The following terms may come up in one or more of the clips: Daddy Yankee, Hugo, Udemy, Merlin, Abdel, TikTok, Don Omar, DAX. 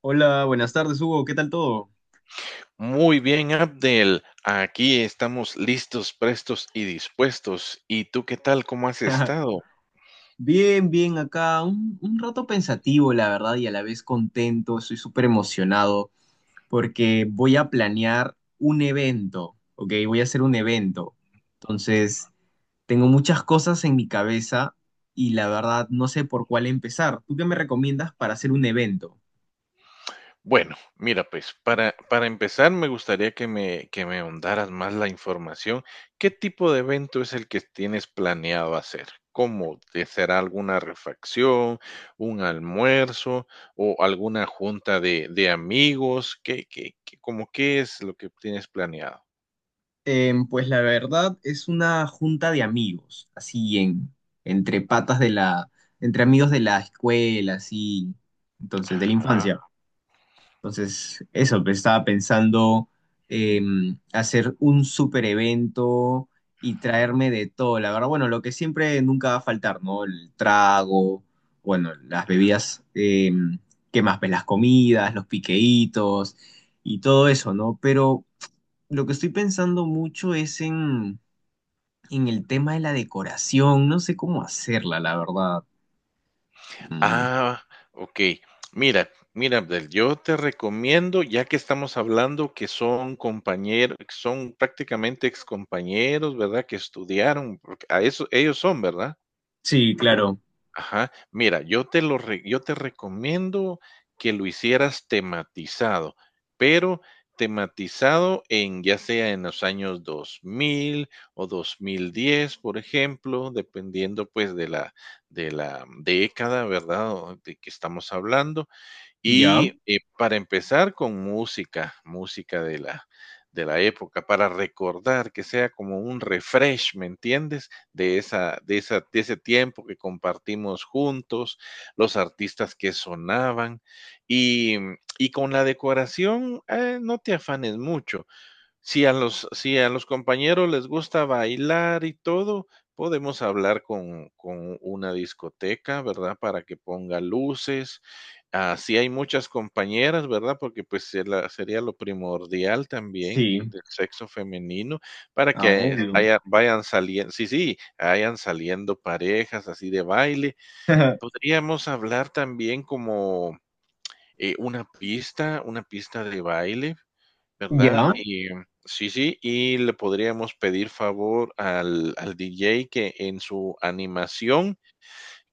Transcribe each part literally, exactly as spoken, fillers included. Hola, buenas tardes, Hugo. ¿Qué tal todo? Muy bien, Abdel. Aquí estamos listos, prestos y dispuestos. ¿Y tú qué tal? ¿Cómo has estado? Bien, bien, acá un, un rato pensativo, la verdad, y a la vez contento. Estoy súper emocionado porque voy a planear un evento, ¿ok? Voy a hacer un evento. Entonces, tengo muchas cosas en mi cabeza y la verdad no sé por cuál empezar. ¿Tú qué me recomiendas para hacer un evento? Bueno, mira, pues para, para empezar me gustaría que me, que me ahondaras más la información. ¿Qué tipo de evento es el que tienes planeado hacer? ¿Cómo? ¿Te será alguna refacción, un almuerzo o alguna junta de, de amigos? ¿Qué, qué, qué, cómo qué es lo que tienes planeado? Em, pues la verdad es una junta de amigos, así en, entre patas de la, entre amigos de la escuela, así, entonces, de la Ajá. infancia. Entonces, eso, pues, estaba pensando em, hacer un super evento y traerme de todo, la verdad, bueno, lo que siempre nunca va a faltar, ¿no? El trago, bueno, las bebidas, em, ¿qué más? Pues las comidas, los piqueitos y todo eso, ¿no? Pero lo que estoy pensando mucho es en, en el tema de la decoración. No sé cómo hacerla, la verdad. Mm, Ah, okey. Mira mira, Abdel, yo te recomiendo, ya que estamos hablando que son compañeros, son prácticamente excompañeros, ¿verdad? Que estudiaron, porque a eso ellos son, ¿verdad? Sí, claro. Ajá. Mira, yo te lo re yo te recomiendo que lo hicieras tematizado, pero tematizado en, ya sea en los años dos mil o dos mil diez, por ejemplo, dependiendo, pues, de la de la década, ¿verdad?, o de que estamos hablando. ¿Ya? Y eh, para empezar con música, música de la, de la época, para recordar que sea como un refresh, ¿me entiendes? De esa, de esa, de ese tiempo que compartimos juntos, los artistas que sonaban y, y con la decoración, eh, no te afanes mucho. Si a los si a los compañeros les gusta bailar y todo, podemos hablar con con una discoteca, ¿verdad? Para que ponga luces. Ah, si hay muchas compañeras, ¿verdad? Porque, pues, se la sería lo primordial también Sí. del sexo femenino para Ah, que obvio. haya vayan salien sí, sí, vayan saliendo parejas así de baile. Podríamos hablar también como, eh, una pista una pista de baile. ¿Verdad? ¿Ya? Y mm, sí, sí, y le podríamos pedir favor al al D J que en su animación,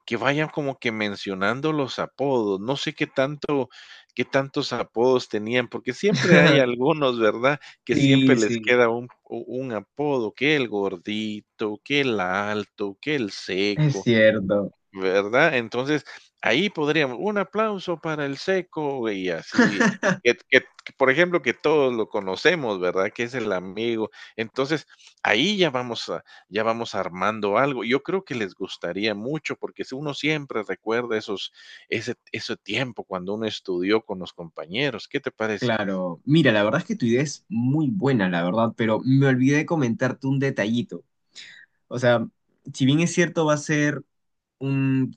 que vaya como que mencionando los apodos. No sé qué tanto qué tantos apodos tenían, porque siempre hay algunos, ¿verdad? Que siempre Sí, les sí. queda un u un apodo, que el gordito, que el alto, que el Es seco. cierto. ¿Verdad? Entonces, ahí podríamos un aplauso para el Seco y así, que que que, por ejemplo, que todos lo conocemos, ¿verdad? Que es el amigo. Entonces, ahí ya vamos a ya vamos armando algo. Yo creo que les gustaría mucho, porque si uno siempre recuerda esos ese ese tiempo cuando uno estudió con los compañeros, ¿qué te parece? Claro. Mira, la verdad es que tu idea es muy buena, la verdad, pero me olvidé de comentarte un detallito. O sea, si bien es cierto, va a ser un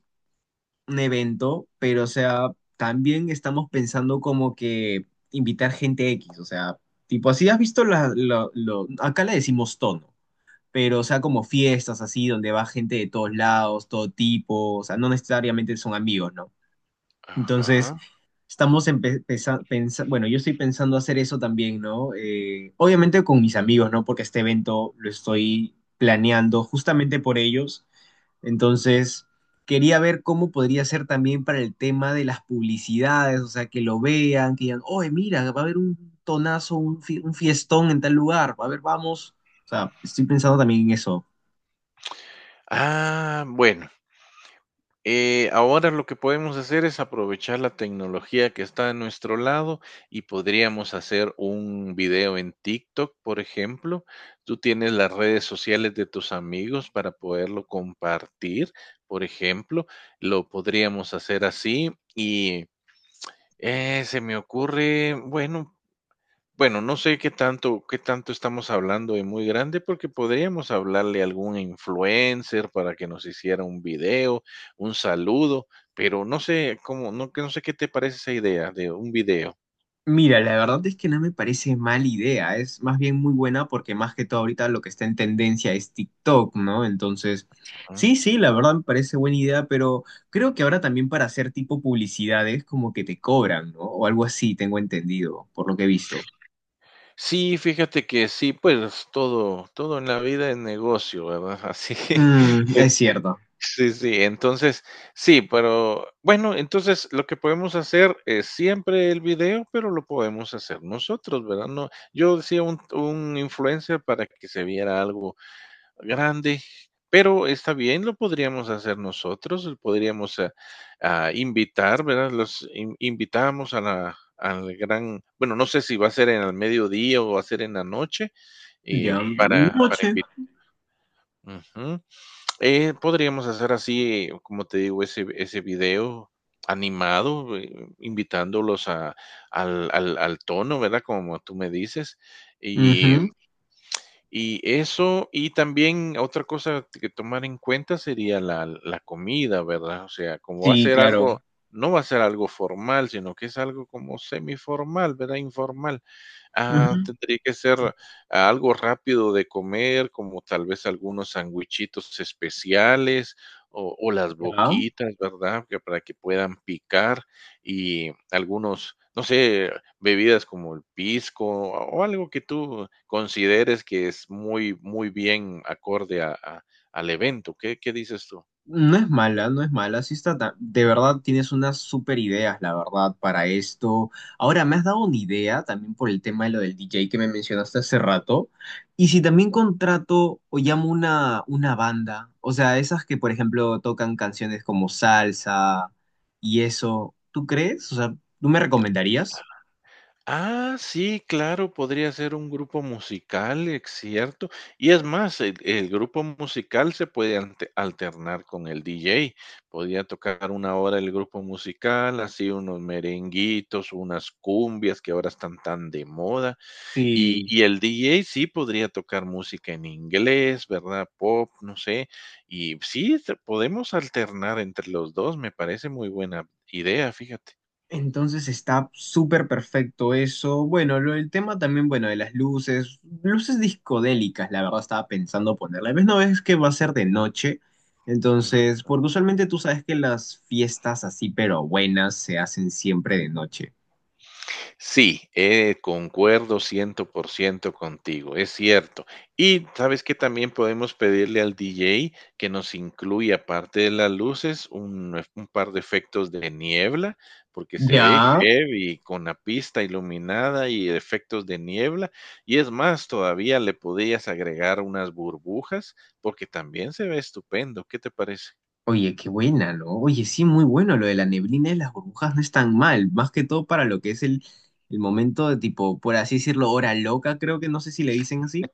un evento, pero o sea, también estamos pensando como que invitar gente X, o sea, tipo así, has visto la, lo- lo- acá le decimos tono, pero o sea, como fiestas así, donde va gente de todos lados, todo tipo, o sea, no necesariamente son amigos, ¿no? Entonces, Ajá. estamos empezando, bueno, yo estoy pensando hacer eso también, ¿no? Eh, obviamente con mis amigos, ¿no? Porque este evento lo estoy planeando justamente por ellos entonces, quería ver cómo podría ser también para el tema de las publicidades, o sea, que lo vean, que digan, oye, mira, va a haber un tonazo, un, fi- un fiestón en tal lugar, va a haber, vamos. O sea, estoy pensando también en eso. Ah, bueno. Eh, ahora lo que podemos hacer es aprovechar la tecnología que está a nuestro lado y podríamos hacer un video en TikTok, por ejemplo. Tú tienes las redes sociales de tus amigos para poderlo compartir, por ejemplo. Lo podríamos hacer así y eh, se me ocurre, bueno, bueno, no sé qué tanto qué tanto estamos hablando de muy grande, porque podríamos hablarle a algún influencer para que nos hiciera un video, un saludo, pero no sé cómo, no que no sé qué te parece esa idea de un video. Mira, la verdad es que no me parece mala idea, es más bien muy buena porque más que todo ahorita lo que está en tendencia es TikTok, ¿no? Entonces, Ujú. sí, sí, la verdad me parece buena idea, pero creo que ahora también para hacer tipo publicidades como que te cobran, ¿no? O algo así, tengo entendido, por lo que he visto. Sí, fíjate que sí, pues todo todo en la vida es negocio, ¿verdad? Así Mm, es cierto. sí, sí, entonces, sí, pero bueno, entonces lo que podemos hacer es siempre el video, pero lo podemos hacer nosotros, ¿verdad? No, yo decía un, un influencer para que se viera algo grande, pero está bien, lo podríamos hacer nosotros, lo podríamos eh, ah, invitar, ¿verdad? Los in- invitamos a la, al gran, bueno, no sé si va a ser en el mediodía o va a ser en la noche, eh, Ya. Eh, para, para Noche. invitar. Eh, podríamos hacer así, como te digo, ese ese video animado, eh, invitándolos a al al al tono, ¿verdad? Como tú me dices, y Ujú. y eso, y también otra cosa que tomar en cuenta sería la la comida, ¿verdad? O sea, como va a Sí, ser claro. algo no va a ser algo formal, sino que es algo como semiformal, ¿verdad? Informal. Ah, Ujú. tendría que ser algo rápido de comer, como tal vez algunos sandwichitos especiales o o las Ya. boquitas, ¿verdad? Que para que puedan picar y algunos, no sé, bebidas como el pisco o algo que tú consideres que es muy, muy bien acorde a a al evento, ¿qué qué dices tú? No es mala, no es mala. Sí está ta- De verdad tienes unas super ideas, la verdad, para esto. Ahora, me has dado una idea también por el tema de lo del D J que me mencionaste hace rato. Y si también contrato o llamo una, una banda, o sea, esas que, por ejemplo, tocan canciones como salsa y eso, ¿tú crees? O sea, ¿tú me recomendarías? Ah, sí, claro, podría ser un grupo musical, es cierto. Y es más, el el grupo musical se puede ante alternar con el D J. Podría tocar una hora el grupo musical, así unos merenguitos, unas cumbias que ahora están tan de moda. Y Sí. y el D J sí podría tocar música en inglés, ¿verdad? Pop, no sé. Y sí, se podemos alternar entre los dos. Me parece muy buena idea, fíjate. Entonces está súper perfecto eso. Bueno, lo, el tema también, bueno, de las luces, luces discodélicas, la verdad estaba pensando ponerla. Ves, no es que va a ser de noche, entonces, porque usualmente tú sabes que las fiestas así, pero buenas, se hacen siempre de noche. Sí, eh, concuerdo cien por ciento contigo, es cierto. Y sabes que también podemos pedirle al D J que nos incluya, aparte de las luces, un, eh, un par de efectos de niebla, porque se ve Ya. heavy con la pista iluminada y efectos de niebla. Y es más, todavía le podías agregar unas burbujas, porque también se ve estupendo. ¿Qué te parece? Oye, qué buena, ¿no? Oye, sí, muy bueno lo de la neblina y las burbujas no es tan mal, más que todo para lo que es el, el momento de tipo, por así decirlo, hora loca, creo que no sé si le dicen así.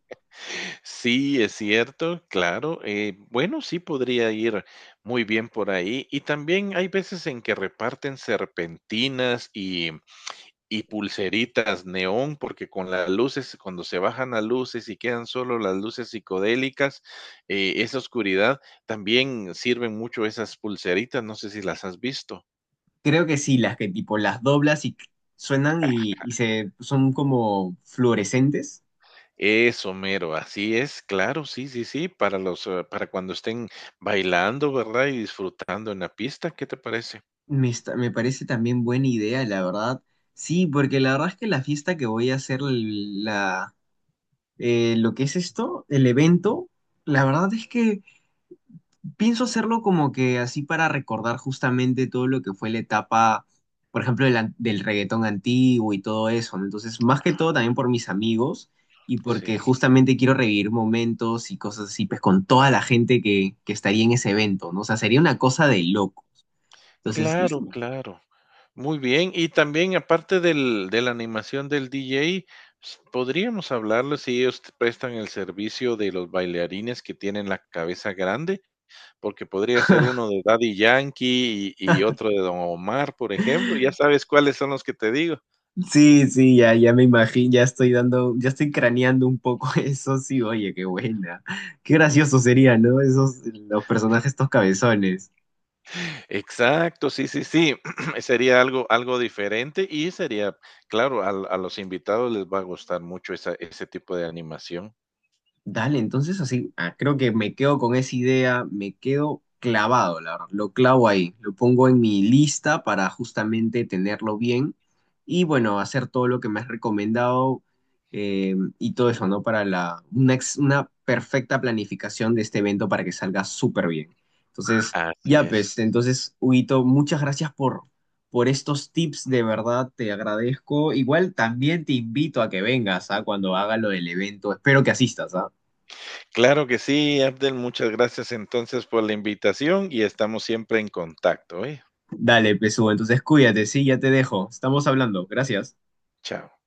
Sí, es cierto, claro. eh, bueno, sí podría ir muy bien por ahí. Y también hay veces en que reparten serpentinas y, y pulseritas neón, porque con las luces, cuando se bajan las luces y quedan solo las luces psicodélicas, eh, esa oscuridad, también sirven mucho esas pulseritas. No sé si las has visto. Creo que sí, las que tipo las doblas y suenan y, y se son como fluorescentes. Eso, mero, así es, claro, sí, sí, sí, para los, eh, para cuando estén bailando, ¿verdad? Y disfrutando en la pista, ¿qué te parece? Me, está- me parece también buena idea, la verdad. Sí, porque la verdad es que la fiesta que voy a hacer, la, eh, lo que es esto, el evento, la verdad es que pienso hacerlo como que así para recordar justamente todo lo que fue la etapa, por ejemplo, del, an- del reggaetón antiguo y todo eso, ¿no? Entonces, más que todo también por mis amigos y Sí, porque justamente quiero revivir momentos y cosas así, pues con toda la gente que, que estaría en ese evento, ¿no? O sea, sería una cosa de loco. Entonces, no sé. claro, claro. Muy bien. Y también, aparte del de la animación del D J, s- podríamos hablarles si ellos te prestan el servicio de los bailarines que tienen la cabeza grande, porque podría ser uno de Daddy Yankee y, y otro de Don Omar, por ejemplo. Ya sabes cuáles son los que te digo. sí, sí, ya, ya me imagino, ya estoy dando, ya estoy craneando un poco eso, sí, oye, qué buena. Qué gracioso sería, ¿no? Esos, los personajes, estos cabezones. Exacto, sí, sí, sí. Sería algo, algo diferente y sería, claro, al- a, los invitados les va a gustar mucho esa, ese tipo de animación. Dale, entonces así, ah, creo que me quedo con esa idea, me quedo clavado, la verdad, lo clavo ahí, lo pongo en mi lista para justamente tenerlo bien y bueno, hacer todo lo que me has recomendado eh, y todo eso, ¿no? Para la, una, ex- una perfecta planificación de este evento para que salga súper bien. Entonces, Así ya es. pues, entonces, Huguito, muchas gracias por, por estos tips, de verdad te agradezco. Igual también te invito a que vengas, ¿ah? Cuando haga lo del evento. Espero que asistas, ¿ah? Claro que sí, Abdel, muchas gracias entonces por la invitación y estamos siempre en contacto, ¿eh? Dale, Pesú, entonces cuídate, sí, ya te dejo. Estamos hablando. Gracias. Chao.